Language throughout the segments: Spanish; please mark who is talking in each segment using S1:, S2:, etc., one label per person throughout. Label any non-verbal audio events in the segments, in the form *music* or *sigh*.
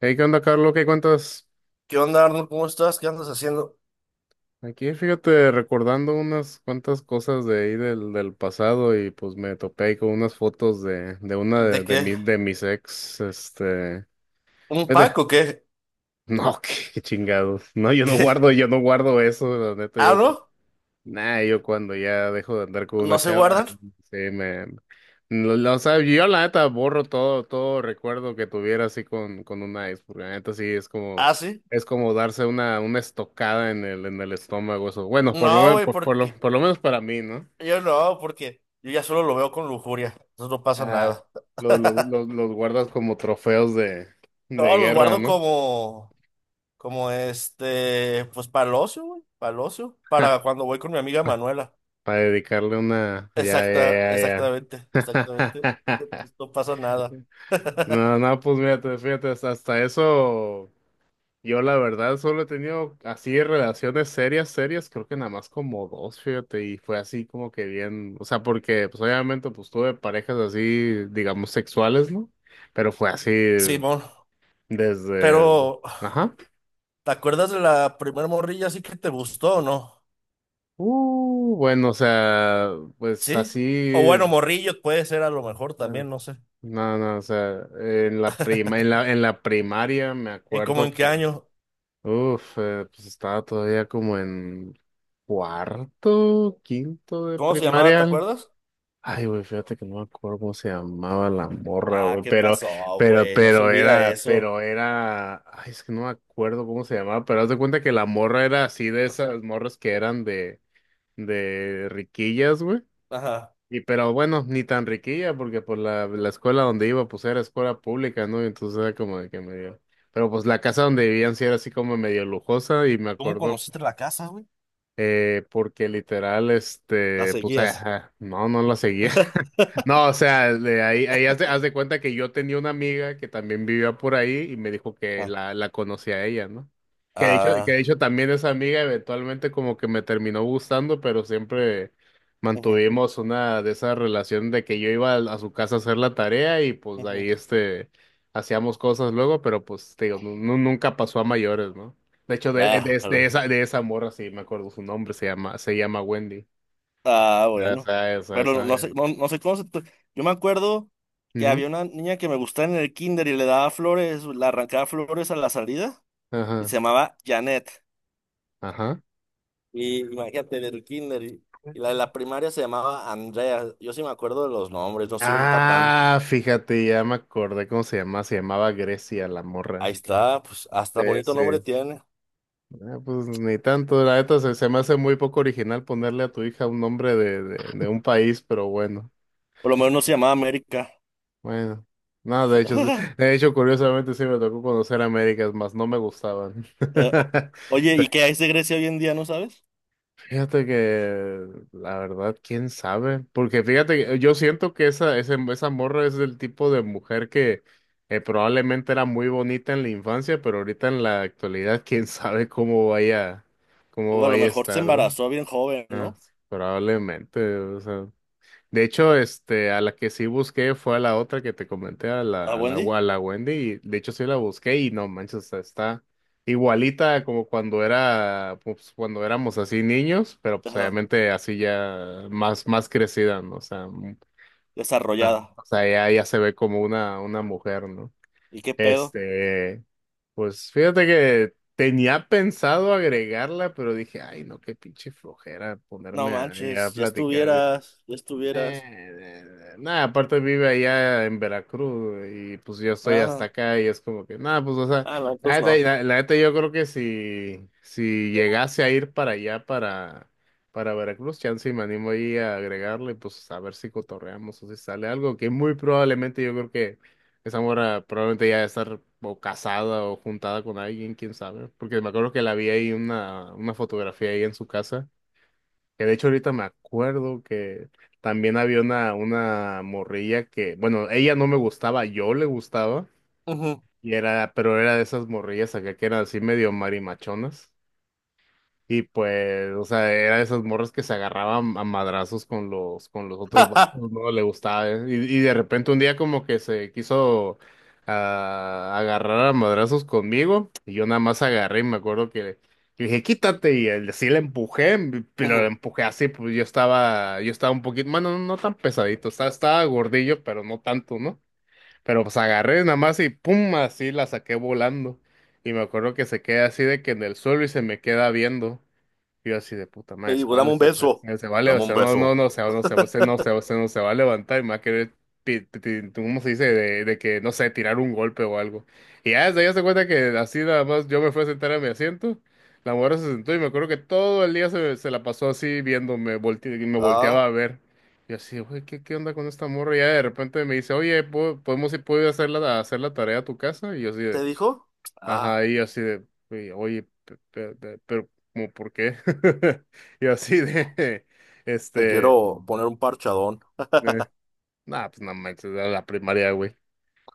S1: Hey, ¿qué onda, Carlos? ¿Qué cuentas?
S2: ¿Qué onda, Arnold? ¿Cómo estás? ¿Qué andas haciendo?
S1: Aquí, fíjate, recordando unas cuantas cosas de ahí del pasado. Y pues me topé ahí con unas fotos de, de una de,
S2: ¿De
S1: de,
S2: qué?
S1: mi- de mis ex.
S2: ¿Un
S1: Vete.
S2: pack o qué?
S1: No, *laughs* qué chingados. No, yo no
S2: *laughs*
S1: guardo, yo no guardo eso, la neta,
S2: ¿Ah,
S1: yo...
S2: no?
S1: Nah, yo cuando ya dejo de andar con una
S2: ¿No se
S1: chava,
S2: guardan?
S1: sí, no, no, o sea, yo la neta borro todo recuerdo que tuviera así con una ex, porque la neta sí es como,
S2: ¿Ah, sí?
S1: es como darse una estocada en el estómago, eso. Bueno,
S2: No, güey, porque
S1: por lo menos para mí, ¿no?
S2: yo ya solo lo veo con lujuria. Entonces no pasa
S1: Ajá.
S2: nada.
S1: Los, los, los,
S2: *laughs*
S1: los guardas como trofeos de
S2: No, los
S1: guerra,
S2: guardo
S1: ¿no?
S2: como, como pues para el ocio, güey, para el ocio,
S1: *laughs*
S2: para cuando voy con mi amiga Manuela.
S1: Para dedicarle ya,
S2: Exacta,
S1: ya, ya, ya.
S2: exactamente, exactamente. No,
S1: *laughs*
S2: pues, no pasa nada.
S1: No,
S2: *laughs*
S1: no, pues mírate, fíjate, hasta eso. Yo la verdad solo he tenido así relaciones serias, serias, creo que nada más como dos, fíjate, y fue así como que bien, o sea, porque pues obviamente pues tuve parejas así, digamos, sexuales, ¿no? Pero fue así
S2: Simón,
S1: desde,
S2: pero
S1: ajá,
S2: ¿te acuerdas de la primer morrilla así que te gustó o no?
S1: bueno, o sea, pues
S2: Sí.
S1: así,
S2: O bueno, Morrillos puede ser a lo mejor también, no sé.
S1: no, no, o sea, en la primaria me
S2: ¿En cómo
S1: acuerdo.
S2: en qué año?
S1: Uf, pues estaba todavía como en cuarto, quinto de
S2: ¿Cómo se llamaba? ¿Te
S1: primaria.
S2: acuerdas?
S1: Ay, güey, fíjate que no me acuerdo cómo se llamaba la morra,
S2: Ah,
S1: güey,
S2: ¿qué pasó, güey? No se olvida eso.
S1: ay, es que no me acuerdo cómo se llamaba, pero haz de cuenta que la morra era así de esas morras que eran de riquillas, güey.
S2: Ajá.
S1: Y pero bueno, ni tan riquilla, porque por la escuela donde iba, pues era escuela pública, ¿no? Entonces era como de que medio. Pero pues la casa donde vivían sí era así como medio lujosa, y me
S2: ¿Cómo
S1: acuerdo
S2: conociste la casa, güey?
S1: porque literal,
S2: La
S1: pues,
S2: seguías.
S1: ajá, no, no la seguía. *laughs* No, o sea, ahí haz de cuenta que yo tenía una amiga que también vivía por ahí y me dijo que
S2: Ah.
S1: la conocía a ella, ¿no? Que de hecho, que de
S2: Ah.
S1: hecho también esa amiga eventualmente como que me terminó gustando, pero siempre
S2: Ujú,
S1: mantuvimos una de esas relaciones de que yo iba a su casa a hacer la tarea y pues
S2: ujú.
S1: ahí, hacíamos cosas luego, pero pues, te digo, nunca pasó a mayores, ¿no? De hecho, de,
S2: Ah,
S1: de-
S2: jalo.
S1: de esa, de esa morra, sí, me acuerdo su nombre, se llama Wendy.
S2: Ah, bueno.
S1: Esa, esa,
S2: Pero no,
S1: esa.
S2: no
S1: eh.
S2: sé, no, no sé cómo se... Yo me acuerdo que
S1: Ujú.
S2: había una niña que me gustaba en el kinder y le daba flores, le arrancaba flores a la salida y
S1: Ajá,
S2: se llamaba Janet.
S1: ajá.
S2: Y imagínate, del kinder. Y la de la primaria se llamaba Andrea. Yo sí me acuerdo de los nombres, no soy un patán.
S1: Ah, fíjate, ya me acordé cómo se llamaba Grecia la
S2: Ahí
S1: morra.
S2: está, pues
S1: Sí,
S2: hasta bonito
S1: sí.
S2: nombre tiene.
S1: Ah, pues ni tanto, la neta se me hace muy poco original ponerle a tu hija un nombre de un país, pero bueno,
S2: Por lo menos no se llamaba América.
S1: bueno. No, de hecho,
S2: *laughs*
S1: de hecho, curiosamente sí me tocó conocer Américas, más no me gustaban.
S2: Eh, o- Oye, ¿y
S1: *laughs*
S2: qué hay de Grecia hoy en día, no sabes?
S1: Fíjate que la verdad, quién sabe, porque fíjate, que yo siento que esa morra es del tipo de mujer que probablemente era muy bonita en la infancia, pero ahorita en la actualidad, quién sabe
S2: O
S1: cómo
S2: a lo
S1: vaya a
S2: mejor se
S1: estar, ¿no?
S2: embarazó bien joven,
S1: Ah,
S2: ¿no?
S1: probablemente, o sea. De hecho, a la que sí busqué fue a la otra que te comenté, a
S2: La
S1: la, a la,
S2: Wendy.
S1: a la Wendy, y de hecho sí la busqué y no manches, o sea, está igualita como cuando era, pues, cuando éramos así niños, pero pues
S2: Ajá,
S1: obviamente así ya más crecida, ¿no? O sea,
S2: desarrollada.
S1: o sea, ya, ya se ve como una mujer, ¿no?
S2: ¿Y qué pedo?
S1: Este, pues fíjate que tenía pensado agregarla, pero dije, ay, no, qué pinche flojera
S2: No
S1: ponerme ahí a
S2: manches, ya
S1: platicar.
S2: estuvieras, ya estuvieras.
S1: Nada, aparte vive allá en Veracruz y pues yo estoy hasta
S2: Ah,
S1: acá y es como que, nada, pues o sea,
S2: ah, no,
S1: la
S2: entonces
S1: neta,
S2: no.
S1: la neta yo creo que si llegase a ir para allá, para Veracruz, chance y me animo ahí a agregarle, pues a ver si cotorreamos o si sale algo, que muy probablemente yo creo que esa mora probablemente ya debe estar o casada o juntada con alguien, quién sabe, porque me acuerdo que la vi ahí una fotografía ahí en su casa. Que de hecho ahorita me acuerdo que también había una morrilla que, bueno, ella no me gustaba, yo le gustaba,
S2: Ujú.
S1: pero era de esas morrillas acá que eran así medio marimachonas. Y pues, o sea, era de esas morras que se agarraban a madrazos con los otros vatos,
S2: *laughs*
S1: ¿no? Le gustaba. Y de repente un día como que se quiso agarrar a madrazos conmigo. Y yo nada más agarré y me acuerdo que le dije, quítate. Sí le empujé, pero le
S2: Ujú.
S1: empujé así, pues yo estaba un poquito, bueno, no, no tan pesadito, estaba gordillo, pero no tanto, ¿no? Pero pues agarré nada más y pum, así la saqué volando. Y me acuerdo que se queda así de que en el suelo y se me queda viendo. Yo así de puta madre,
S2: Y,
S1: se
S2: pues, dame
S1: vale,
S2: un
S1: se,
S2: beso.
S1: se- se vale, o
S2: Dame un
S1: sea, no, no,
S2: beso.
S1: no, no se va a levantar y me va a querer, ¿cómo se dice? De que, no sé, tirar un golpe o algo. Y ya desde ahí se cuenta que así nada más yo me fui a sentar a mi asiento, la mujer se sentó y me acuerdo que todo el día se la pasó así viéndome, y me
S2: Ah.
S1: volteaba a ver. Y así, güey, ¿qué onda con esta morra? Y ya de repente me dice, oye, puedo ir a hacer la tarea a tu casa? Y yo así
S2: ¿Te
S1: de...
S2: dijo? Ah,
S1: Ajá, y yo así de, "Oye, oye, pero, ¿cómo por qué? *laughs* Y yo así de, *laughs*
S2: te
S1: este,
S2: quiero poner un parchadón.
S1: eh, nah, pues no manches, era la primaria, güey.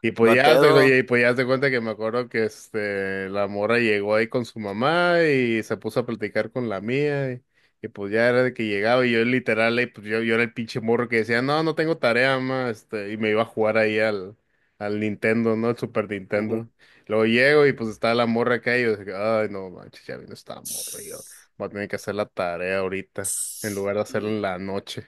S1: Y
S2: No
S1: pues
S2: hay
S1: ya te, y
S2: pedo.
S1: pues ya te cuenta que me acuerdo que la morra llegó ahí con su mamá y se puso a platicar con la mía y pues ya era de que llegaba y yo literal ahí, pues yo era el pinche morro que decía, "No, no tengo tarea, mamá", y me iba a jugar ahí al Nintendo, ¿no? El Super
S2: Ujú.
S1: Nintendo. Luego llego y pues estaba la morra acá y yo dije, "Ay, no manches, ya vino esta morra, y yo
S2: Tss,
S1: voy a tener que hacer la tarea ahorita en
S2: tss.
S1: lugar de hacerla en la noche."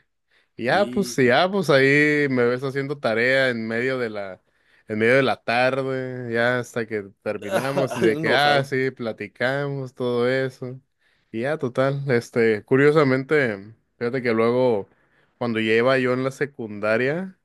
S1: Y ya pues
S2: y...
S1: sí, ya pues ahí me ves haciendo tarea en medio de la tarde, ya hasta que terminamos y
S2: *laughs*
S1: de
S2: Bien
S1: que, ah,
S2: enojado.
S1: sí, platicamos, todo eso. Y ya, total, curiosamente, fíjate que luego, cuando ya iba yo en la secundaria,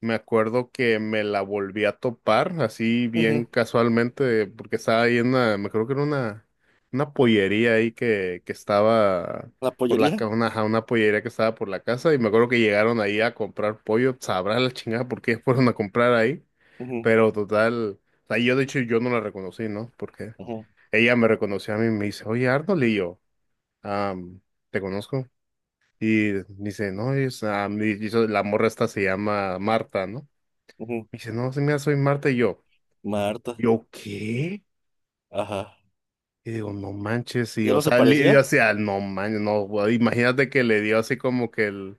S1: me acuerdo que me la volví a topar, así bien
S2: Ujú.
S1: casualmente, porque estaba ahí me creo que era una pollería ahí que estaba
S2: ¿La
S1: por la, ca-
S2: pollería?
S1: una, ajá, una pollería que estaba por la casa, y me acuerdo que llegaron ahí a comprar pollo, sabrá la chingada por qué fueron a comprar ahí.
S2: Ujú,
S1: Pero total, o sea, yo de hecho yo no la reconocí, ¿no? Porque
S2: ujú,
S1: ella me reconoció a mí y me dice, oye, Arnold, y yo, "Ah, te conozco." Y dice, no, y la morra esta se llama Marta, ¿no?
S2: ujú.
S1: Me dice, no, sí, mira, soy Marta y yo,
S2: Marta.
S1: ¿yo qué?
S2: Ajá.
S1: Y digo, no manches, y
S2: ¿Ya
S1: o
S2: no se
S1: sea,
S2: parecía?
S1: o sea, no manches, no, güey, imagínate que le dio así como que el,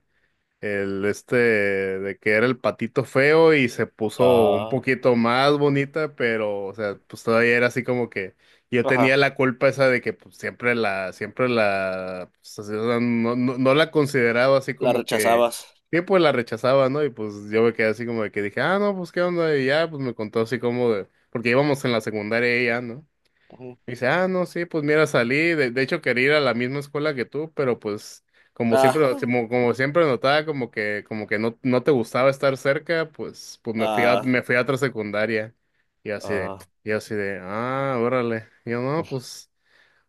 S1: El este de que era el patito feo y se puso un
S2: Ah,
S1: poquito más bonita, pero o sea, pues todavía era así como que yo tenía
S2: ajá.
S1: la culpa esa de que pues, siempre la, pues, así, o sea, no, no, no la consideraba así
S2: La
S1: como que,
S2: rechazabas.
S1: sí, pues la rechazaba, ¿no? Y pues yo me quedé así como de que dije, ah, no, pues qué onda, y ya, pues me contó así como de, porque íbamos en la secundaria y ya, ¿no?
S2: Ujú.
S1: Dice, ah, no, sí, pues mira, de hecho quería ir a la misma escuela que tú, pero pues
S2: Ah,
S1: como siempre notaba como que no, no te gustaba estar cerca, pues me fui a,
S2: ah,
S1: me fui a otra secundaria. Y así de,
S2: ah.
S1: y así de, órale. Y yo, no, pues,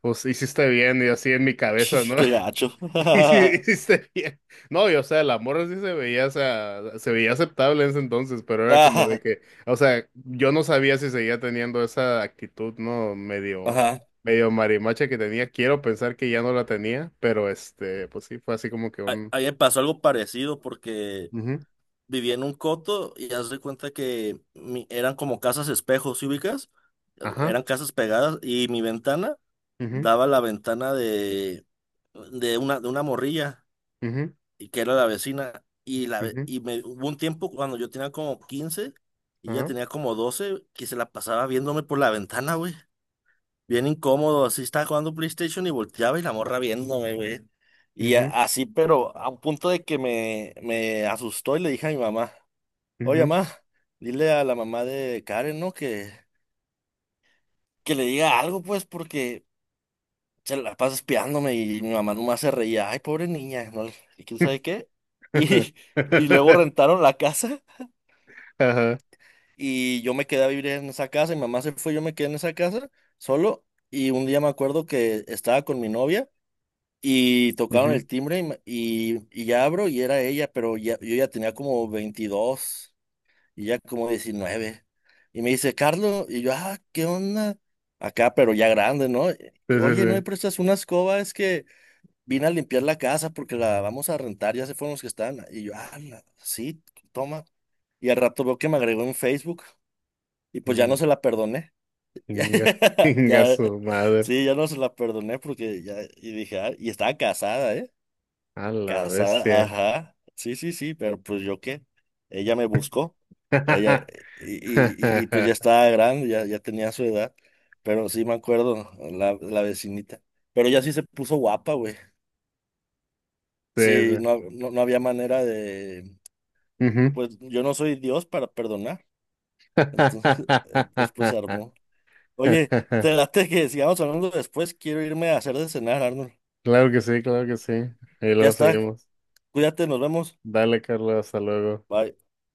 S1: pues hiciste bien, y así en mi cabeza,
S2: *laughs*
S1: ¿no?
S2: Qué gacho.
S1: *laughs* Y sí, y
S2: *laughs*
S1: sí se veía- No, y o sea, la morra sí se veía, o sea, se veía aceptable en ese entonces, pero era como de
S2: Ah,
S1: que, o sea, yo no sabía si seguía teniendo esa actitud, ¿no? Medio,
S2: ajá.
S1: medio marimacha que tenía. Quiero pensar que ya no la tenía, pero pues sí, fue así como que un.
S2: A Pasó algo parecido porque
S1: Ujú,
S2: vivía en un coto y haz de cuenta que eran como casas espejos, ¿sí ubicas?
S1: ajá,
S2: Eran casas pegadas y mi ventana
S1: ujú,
S2: daba la ventana de una morrilla
S1: ujú,
S2: y que era la vecina. Y, la, ve-
S1: ujú,
S2: y me, Hubo un tiempo cuando yo tenía como 15 y ella
S1: ajá,
S2: tenía como 12, que se la pasaba viéndome por la ventana, güey. Bien incómodo, así estaba jugando PlayStation y volteaba y la morra viéndome, güey.
S1: ujú,
S2: Pero a un punto de que me asustó y le dije a mi mamá. Oye,
S1: ujú".
S2: mamá, dile a la mamá de Karen, ¿no? Que le diga algo, pues, porque se la pasa espiándome y mi mamá nomás se reía. Ay, pobre niña, ¿no? ¿Y quién sabe qué? *laughs* Y, y luego
S1: *laughs*
S2: rentaron la casa
S1: Ajá,
S2: y yo me quedé a vivir en esa casa. Mi mamá se fue, yo me quedé en esa casa solo. Y un día me acuerdo que estaba con mi novia y tocaron
S1: ujú.
S2: el timbre y ya abro y era ella, pero ya, yo ya tenía como 22. Y ya como 19. Y me dice, Carlos, y yo, ah, ¿qué onda? Acá, pero ya grande, ¿no? Y
S1: Sí, sí,
S2: oye, ¿no me
S1: sí.
S2: prestas una escoba? Es que vine a limpiar la casa porque la vamos a rentar, ya se fueron los que están. Y yo, ah, sí, toma. Y al rato veo que me agregó en Facebook y pues ya no se la perdoné. *laughs* Ya,
S1: Inga, inga *laughs*
S2: ya,
S1: su madre.
S2: sí, ya no se la perdoné porque ya, y dije, ah, y estaba casada, ¿eh?".
S1: A la
S2: Casada,
S1: bestia.
S2: ajá. Sí, sí, sí, pero pues yo qué. Ella me buscó. Ella,
S1: *laughs*
S2: y, pues ya estaba grande, ya, ya tenía su edad. Pero sí me acuerdo, la vecinita. Pero ella sí se puso guapa, güey.
S1: Sí,
S2: Sí,
S1: sí.
S2: no, no, no había manera de.
S1: Ujú.
S2: Pues yo no soy Dios para perdonar. Entonces, *laughs* entonces pues
S1: *laughs*
S2: armó. Oye, te late que sigamos hablando después. Quiero irme a hacer de cenar, Arnold.
S1: Claro que sí, claro que sí. Y
S2: Ya
S1: luego
S2: está.
S1: seguimos.
S2: Cuídate, nos vemos.
S1: Dale, Carlos, hasta luego.
S2: Bye.